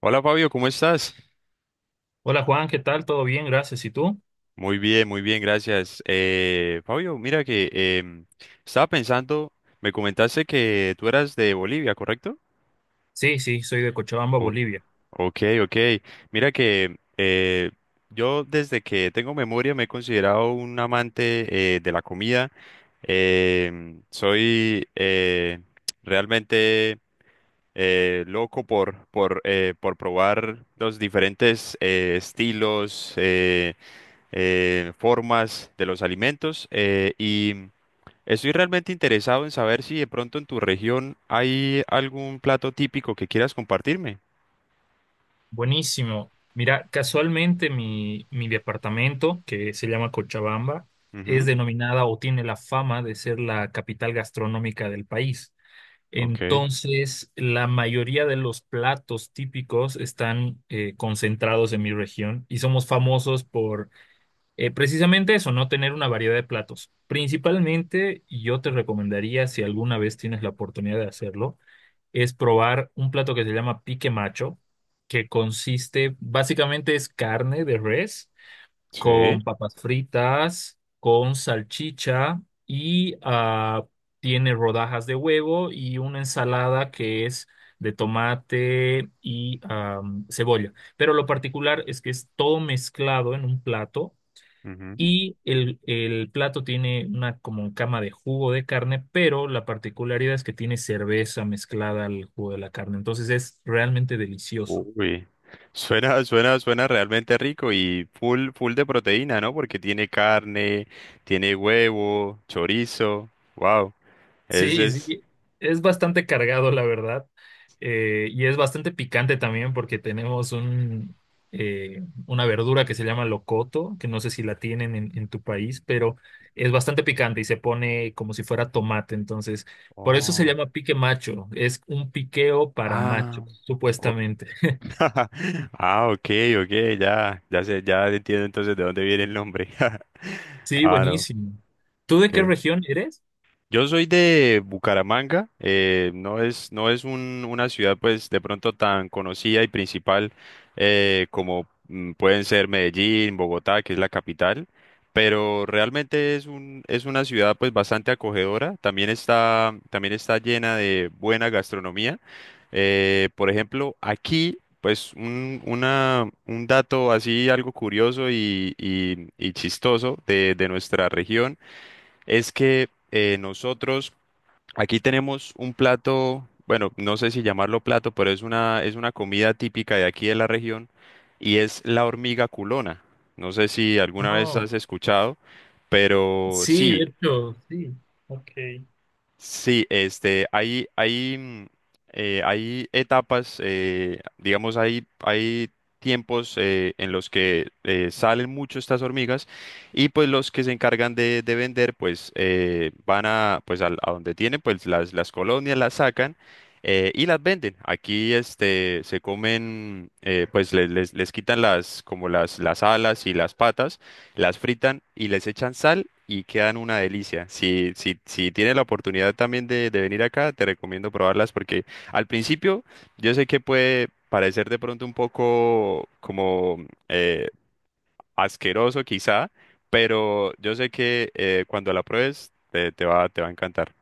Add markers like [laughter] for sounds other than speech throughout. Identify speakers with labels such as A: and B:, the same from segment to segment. A: Hola Fabio, ¿cómo estás?
B: Hola Juan, ¿qué tal? ¿Todo bien? Gracias. ¿Y tú?
A: Muy bien, gracias. Fabio, mira que em, estaba pensando, me comentaste que tú eras de Bolivia, ¿correcto?
B: Sí, sí, soy de Cochabamba,
A: O-
B: Bolivia.
A: ok, ok. Mira que yo desde que tengo memoria me he considerado un amante de la comida. Soy realmente loco por probar los diferentes estilos, formas de los alimentos y estoy realmente interesado en saber si de pronto en tu región hay algún plato típico que quieras compartirme.
B: Buenísimo. Mira, casualmente mi departamento, que se llama Cochabamba, es
A: Ujú,
B: denominada o tiene la fama de ser la capital gastronómica del país.
A: ok,
B: Entonces, la mayoría de los platos típicos están concentrados en mi región y somos famosos por precisamente eso, no tener una variedad de platos. Principalmente, yo te recomendaría, si alguna vez tienes la oportunidad de hacerlo, es probar un plato que se llama pique macho, que consiste, básicamente es carne de res
A: sí.
B: con papas fritas, con salchicha y tiene rodajas de huevo y una ensalada que es de tomate y cebolla. Pero lo particular es que es todo mezclado en un plato
A: Ujú.
B: y el plato tiene una como cama de jugo de carne, pero la particularidad es que tiene cerveza mezclada al jugo de la carne. Entonces es realmente delicioso.
A: Uy. [laughs] Suena, suena, suena realmente rico y full, full de proteína, ¿no? Porque tiene carne, tiene huevo, chorizo. Wow. Ese
B: Sí,
A: es.
B: sí, es bastante cargado, la verdad. Y es bastante picante también porque tenemos una verdura que se llama locoto, que no sé si la tienen en tu país, pero es bastante picante y se pone como si fuera tomate. Entonces, por eso se
A: Oh.
B: llama pique macho. Es un piqueo para
A: Ah.
B: machos,
A: Ok.
B: supuestamente. [laughs]
A: [laughs] Ah, ok, ok, ya, ya sé, ya entiendo entonces de dónde viene el nombre. [laughs]
B: Sí,
A: Ah, no,
B: buenísimo. ¿Tú de qué región eres?
A: yo soy de Bucaramanga, no es una ciudad pues de pronto tan conocida y principal como pueden ser Medellín, Bogotá, que es la capital, pero realmente es una ciudad pues bastante acogedora, también está llena de buena gastronomía. Por ejemplo, aquí pues un dato así algo curioso y chistoso de nuestra región es que nosotros aquí tenemos un plato, bueno, no sé si llamarlo plato, pero es una comida típica de aquí de la región y es la hormiga culona. No sé si alguna vez
B: No.
A: has escuchado, pero
B: Sí,
A: sí,
B: de hecho, sí. Ok.
A: sí, este, hay etapas, digamos, hay tiempos en los que salen mucho estas hormigas y pues los que se encargan de vender, pues van a, pues a, donde tienen, pues las colonias las sacan y las venden. Aquí, este, se comen, pues les quitan las, como las alas y las patas las fritan y les echan sal y quedan una delicia. Si tienes la oportunidad también de venir acá, te recomiendo probarlas porque al principio yo sé que puede parecer de pronto un poco como eh, asqueroso quizá, pero yo sé que cuando la pruebes te va a encantar.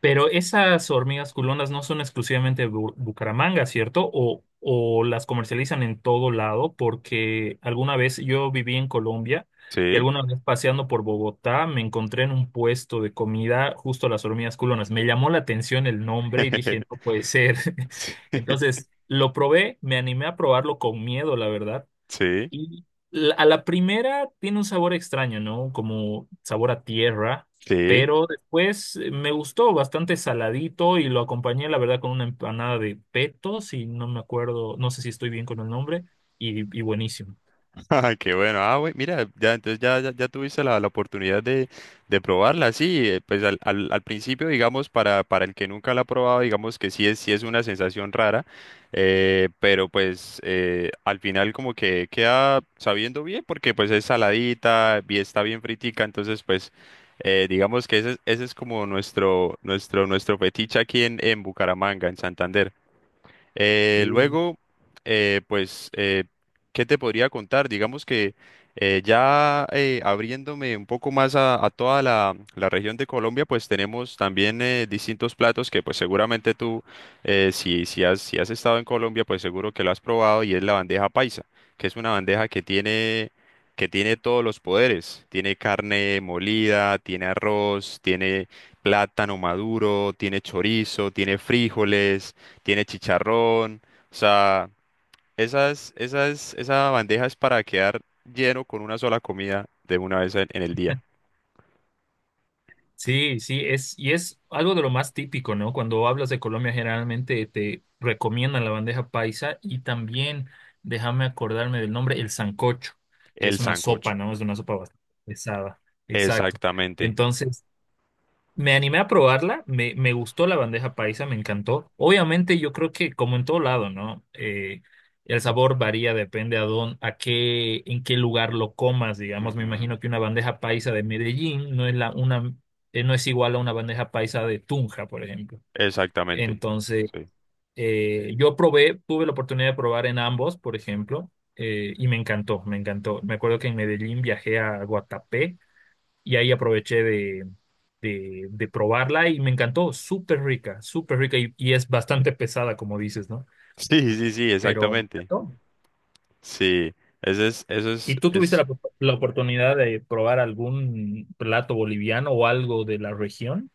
B: Pero esas hormigas culonas no son exclusivamente de Bucaramanga, ¿cierto? O las comercializan en todo lado, porque alguna vez yo viví en Colombia y
A: Sí,
B: alguna vez paseando por Bogotá me encontré en un puesto de comida justo las hormigas culonas. Me llamó la atención el nombre y dije, no
A: [laughs]
B: puede ser. [laughs] Entonces lo probé, me animé a probarlo con miedo, la verdad
A: sí,
B: y a la primera tiene un sabor extraño, ¿no? Como sabor a tierra,
A: sí.
B: pero después me gustó bastante saladito y lo acompañé, la verdad, con una empanada de peto, si no me acuerdo, no sé si estoy bien con el nombre, y buenísimo.
A: [laughs] Ah, qué bueno. Ah, güey, mira, ya entonces ya, ya, ya tuviste la oportunidad de probarla, sí. Pues al principio, digamos, para el que nunca la ha probado, digamos que sí es una sensación rara, pero pues al final como que queda sabiendo bien, porque pues es saladita, bien, está bien fritica, entonces pues digamos que ese es como nuestro fetiche aquí en Bucaramanga, en Santander. Eh,
B: Sí.
A: luego, pues, ¿qué te podría contar? Digamos que ya abriéndome un poco más a toda la región de Colombia, pues tenemos también distintos platos que pues seguramente tú, si has estado en Colombia, pues seguro que lo has probado y es la bandeja paisa, que es una bandeja que tiene todos los poderes. Tiene carne molida, tiene arroz, tiene plátano maduro, tiene chorizo, tiene frijoles, tiene chicharrón, o sea, esa bandeja es para quedar lleno con una sola comida de una vez en el día.
B: Sí, sí, es, y es algo de lo más típico, ¿no? Cuando hablas de Colombia, generalmente te recomiendan la bandeja paisa y también, déjame acordarme del nombre, el sancocho, que
A: El
B: es una sopa,
A: sancocho.
B: ¿no? Es una sopa bastante pesada. Exacto.
A: Exactamente.
B: Entonces, me animé a probarla, me gustó la bandeja paisa, me encantó. Obviamente yo creo que como en todo lado, ¿no? El sabor varía, depende a dónde, a qué, en qué lugar lo comas, digamos. Me
A: Ujú.
B: imagino que una bandeja paisa de Medellín no es no es igual a una bandeja paisa de Tunja, por ejemplo.
A: Exactamente.
B: Entonces,
A: Sí. [laughs]
B: yo probé, tuve la oportunidad de probar en ambos, por ejemplo, y me encantó, me encantó. Me acuerdo que en Medellín viajé a Guatapé y ahí aproveché de probarla y me encantó, súper rica, súper rica y es bastante pesada, como dices, ¿no?
A: Sí, sí, sí,
B: Pero me
A: exactamente.
B: encantó.
A: Sí, ese es, eso
B: ¿Y tú tuviste
A: es
B: la oportunidad de probar algún plato boliviano o algo de la región?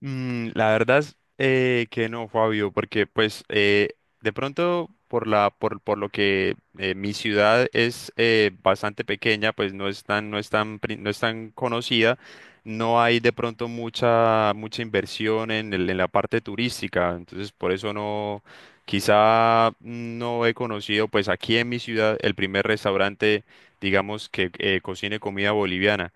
A: La verdad es que no, Fabio, porque pues de pronto por la por lo que mi ciudad es bastante pequeña, pues no es tan conocida, no hay de pronto mucha mucha inversión en la parte turística, entonces por eso no quizá no he conocido pues aquí en mi ciudad el primer restaurante digamos que cocine comida boliviana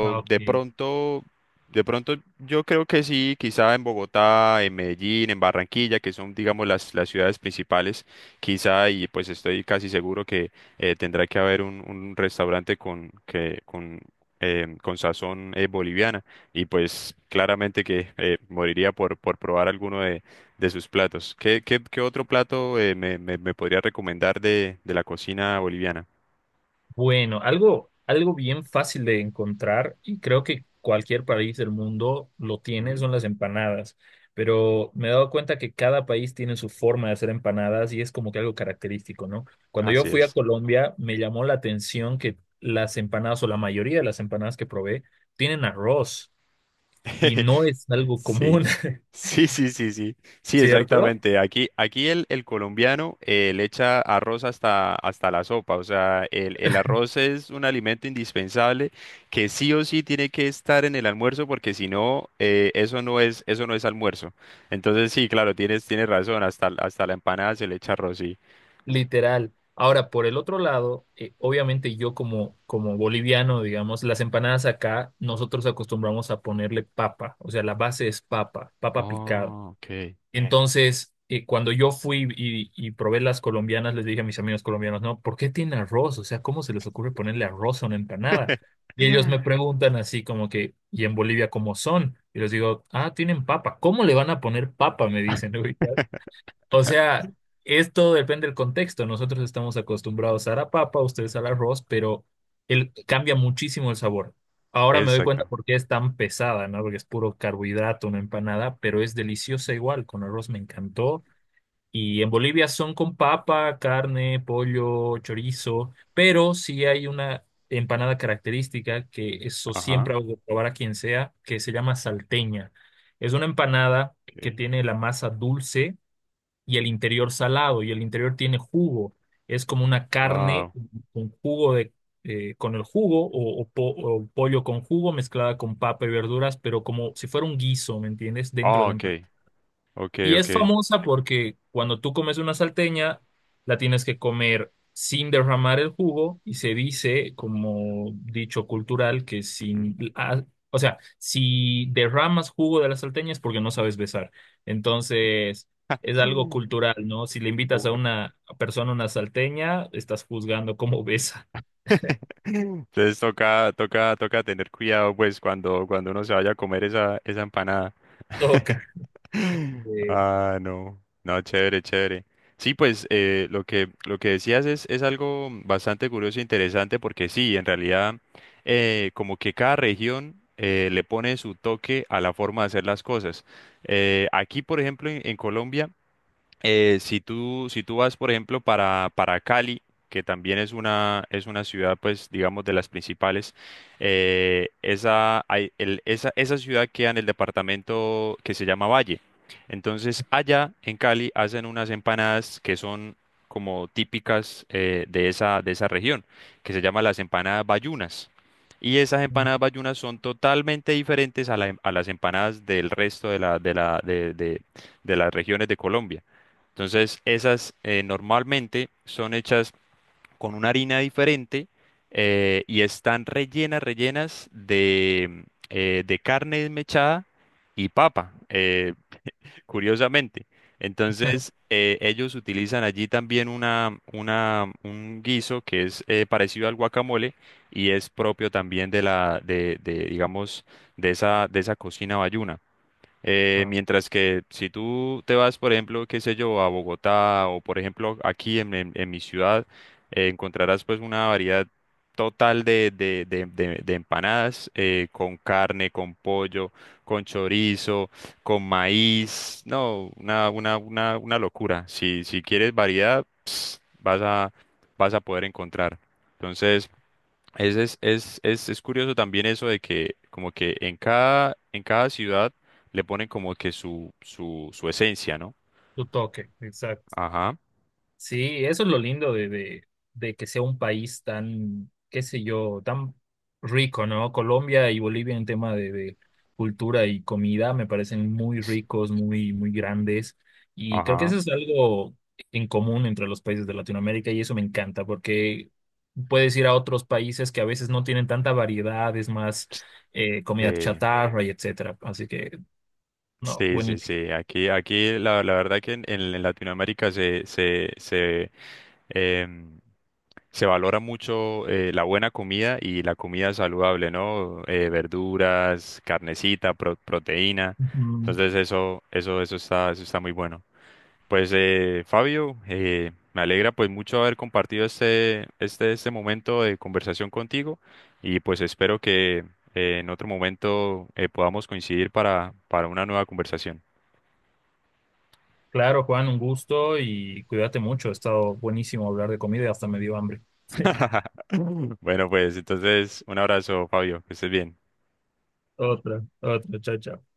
B: Ah,
A: de
B: ok.
A: pronto de pronto, yo creo que sí, quizá en Bogotá, en Medellín, en Barranquilla, que son, digamos, las ciudades principales, quizá, y pues estoy casi seguro que tendrá que haber un restaurante con sazón boliviana, y pues claramente que moriría por probar alguno de sus platos. ¿Qué otro plato me podría recomendar de la cocina boliviana?
B: Bueno, algo bien fácil de encontrar y creo que cualquier país del mundo lo tiene,
A: Ujú.
B: son las empanadas. Pero me he dado cuenta que cada país tiene su forma de hacer empanadas y es como que algo característico, ¿no? Cuando yo
A: Así
B: fui a
A: es.
B: Colombia, me llamó la atención que las empanadas o la mayoría de las empanadas que probé tienen arroz y
A: [laughs]
B: no es algo común,
A: Sí,
B: [laughs]
A: sí, sí, sí, sí, sí,
B: ¿cierto?
A: exactamente. Aquí el colombiano le echa arroz hasta la sopa, o sea, el arroz es un alimento indispensable que sí o sí tiene que estar en el almuerzo porque si no, eso no es almuerzo. Entonces sí, claro, tienes razón, hasta la empanada se le echa arroz, sí.
B: Literal. Ahora, por el otro lado, obviamente yo como boliviano, digamos, las empanadas acá, nosotros acostumbramos a ponerle papa, o sea, la base es papa, papa picada.
A: Oh, ok.
B: Entonces, cuando yo fui y probé las colombianas, les dije a mis amigos colombianos, no, ¿por qué tiene arroz? O sea, ¿cómo se les ocurre ponerle arroz a una empanada? Y ellos me
A: [laughs]
B: preguntan así como que, ¿y en Bolivia cómo son? Y les digo, ah, tienen papa. ¿Cómo le van a poner papa? Me dicen. [laughs] O sea, esto depende del contexto. Nosotros estamos acostumbrados a la papa, ustedes al arroz, pero cambia muchísimo el sabor. Ahora me doy cuenta
A: Exacto.
B: por qué es tan pesada, ¿no? Porque es puro carbohidrato, una empanada, pero es deliciosa igual. Con arroz me encantó. Y en Bolivia son con papa, carne, pollo, chorizo, pero sí hay una empanada característica que eso
A: Ajá.
B: siempre hago de probar a quien sea, que se llama salteña. Es una empanada que
A: Okay.
B: tiene la masa dulce y el interior salado y el interior tiene jugo. Es como una carne
A: Wow.
B: con jugo con el jugo o pollo con jugo mezclada con papa y verduras, pero como si fuera un guiso, ¿me entiendes? Dentro
A: Oh,
B: del
A: okay. Okay,
B: y es
A: okay.
B: famosa porque cuando tú comes una salteña, la tienes que comer sin derramar el jugo y se dice, como dicho cultural, que sin, ah, o sea, si derramas jugo de la salteña es porque no sabes besar. Entonces, es algo cultural, ¿no? Si le invitas a
A: Ujú.
B: una persona una salteña, estás juzgando cómo [laughs] besa.
A: [laughs] Entonces toca tener cuidado pues cuando uno se vaya a comer esa empanada.
B: Toca.
A: [laughs]
B: eh,
A: Ah, no. No, chévere, chévere. Sí, pues lo que decías es algo bastante curioso e interesante porque sí, en realidad como que cada región le pone su toque a la forma de hacer las cosas. Aquí, por ejemplo, en Colombia, si tú vas, por ejemplo, para Cali, que también es una ciudad, pues, digamos, de las principales, esa ciudad queda en el departamento que se llama Valle. Entonces, allá en Cali hacen unas empanadas que son como típicas de esa región, que se llaman las empanadas bayunas. Y esas empanadas bayunas son totalmente diferentes a las empanadas del resto de las regiones de Colombia. Entonces, esas normalmente son hechas con una harina diferente y están rellenas de carne desmechada y papa, curiosamente. Entonces,
B: [laughs]
A: ellos utilizan allí también un guiso que es parecido al guacamole y es propio también de la, de, digamos, de esa cocina bayuna. Eh,
B: ah,
A: mientras que si tú te vas, por ejemplo, qué sé yo, a Bogotá o por ejemplo aquí en mi ciudad, encontrarás pues una variedad total de empanadas con carne, con pollo, con chorizo, con maíz. No, una locura. Si quieres variedad, vas a, vas a poder encontrar. Entonces, es curioso también eso de que como que en cada ciudad le ponen como que su esencia, ¿no?
B: tu toque, exacto.
A: Ajá.
B: Sí, eso es lo lindo de que sea un país tan, qué sé yo, tan rico, ¿no? Colombia y Bolivia en tema de cultura y comida me parecen muy
A: es-
B: ricos, muy grandes. Y creo que
A: Ajá.
B: eso es algo en común entre los países de Latinoamérica y eso me encanta porque puedes ir a otros países que a veces no tienen tanta variedad, es más comida
A: Sí,
B: chatarra y etcétera. Así que, no,
A: sí, sí,
B: buenísimo.
A: sí. Aquí la verdad que en Latinoamérica em, se valora mucho la buena comida y la comida saludable, ¿no? Verduras, carnecita, proteína. Entonces eso está muy bueno. Pues Fabio, me alegra pues mucho haber compartido este momento de conversación contigo y pues espero que en otro momento podamos coincidir para una nueva conversación.
B: Claro, Juan, un gusto y cuídate mucho. Ha estado buenísimo hablar de comida y hasta me dio hambre. [laughs]
A: Bueno, pues entonces un abrazo, Fabio, que estés bien.
B: Otra, otra, chao, chao.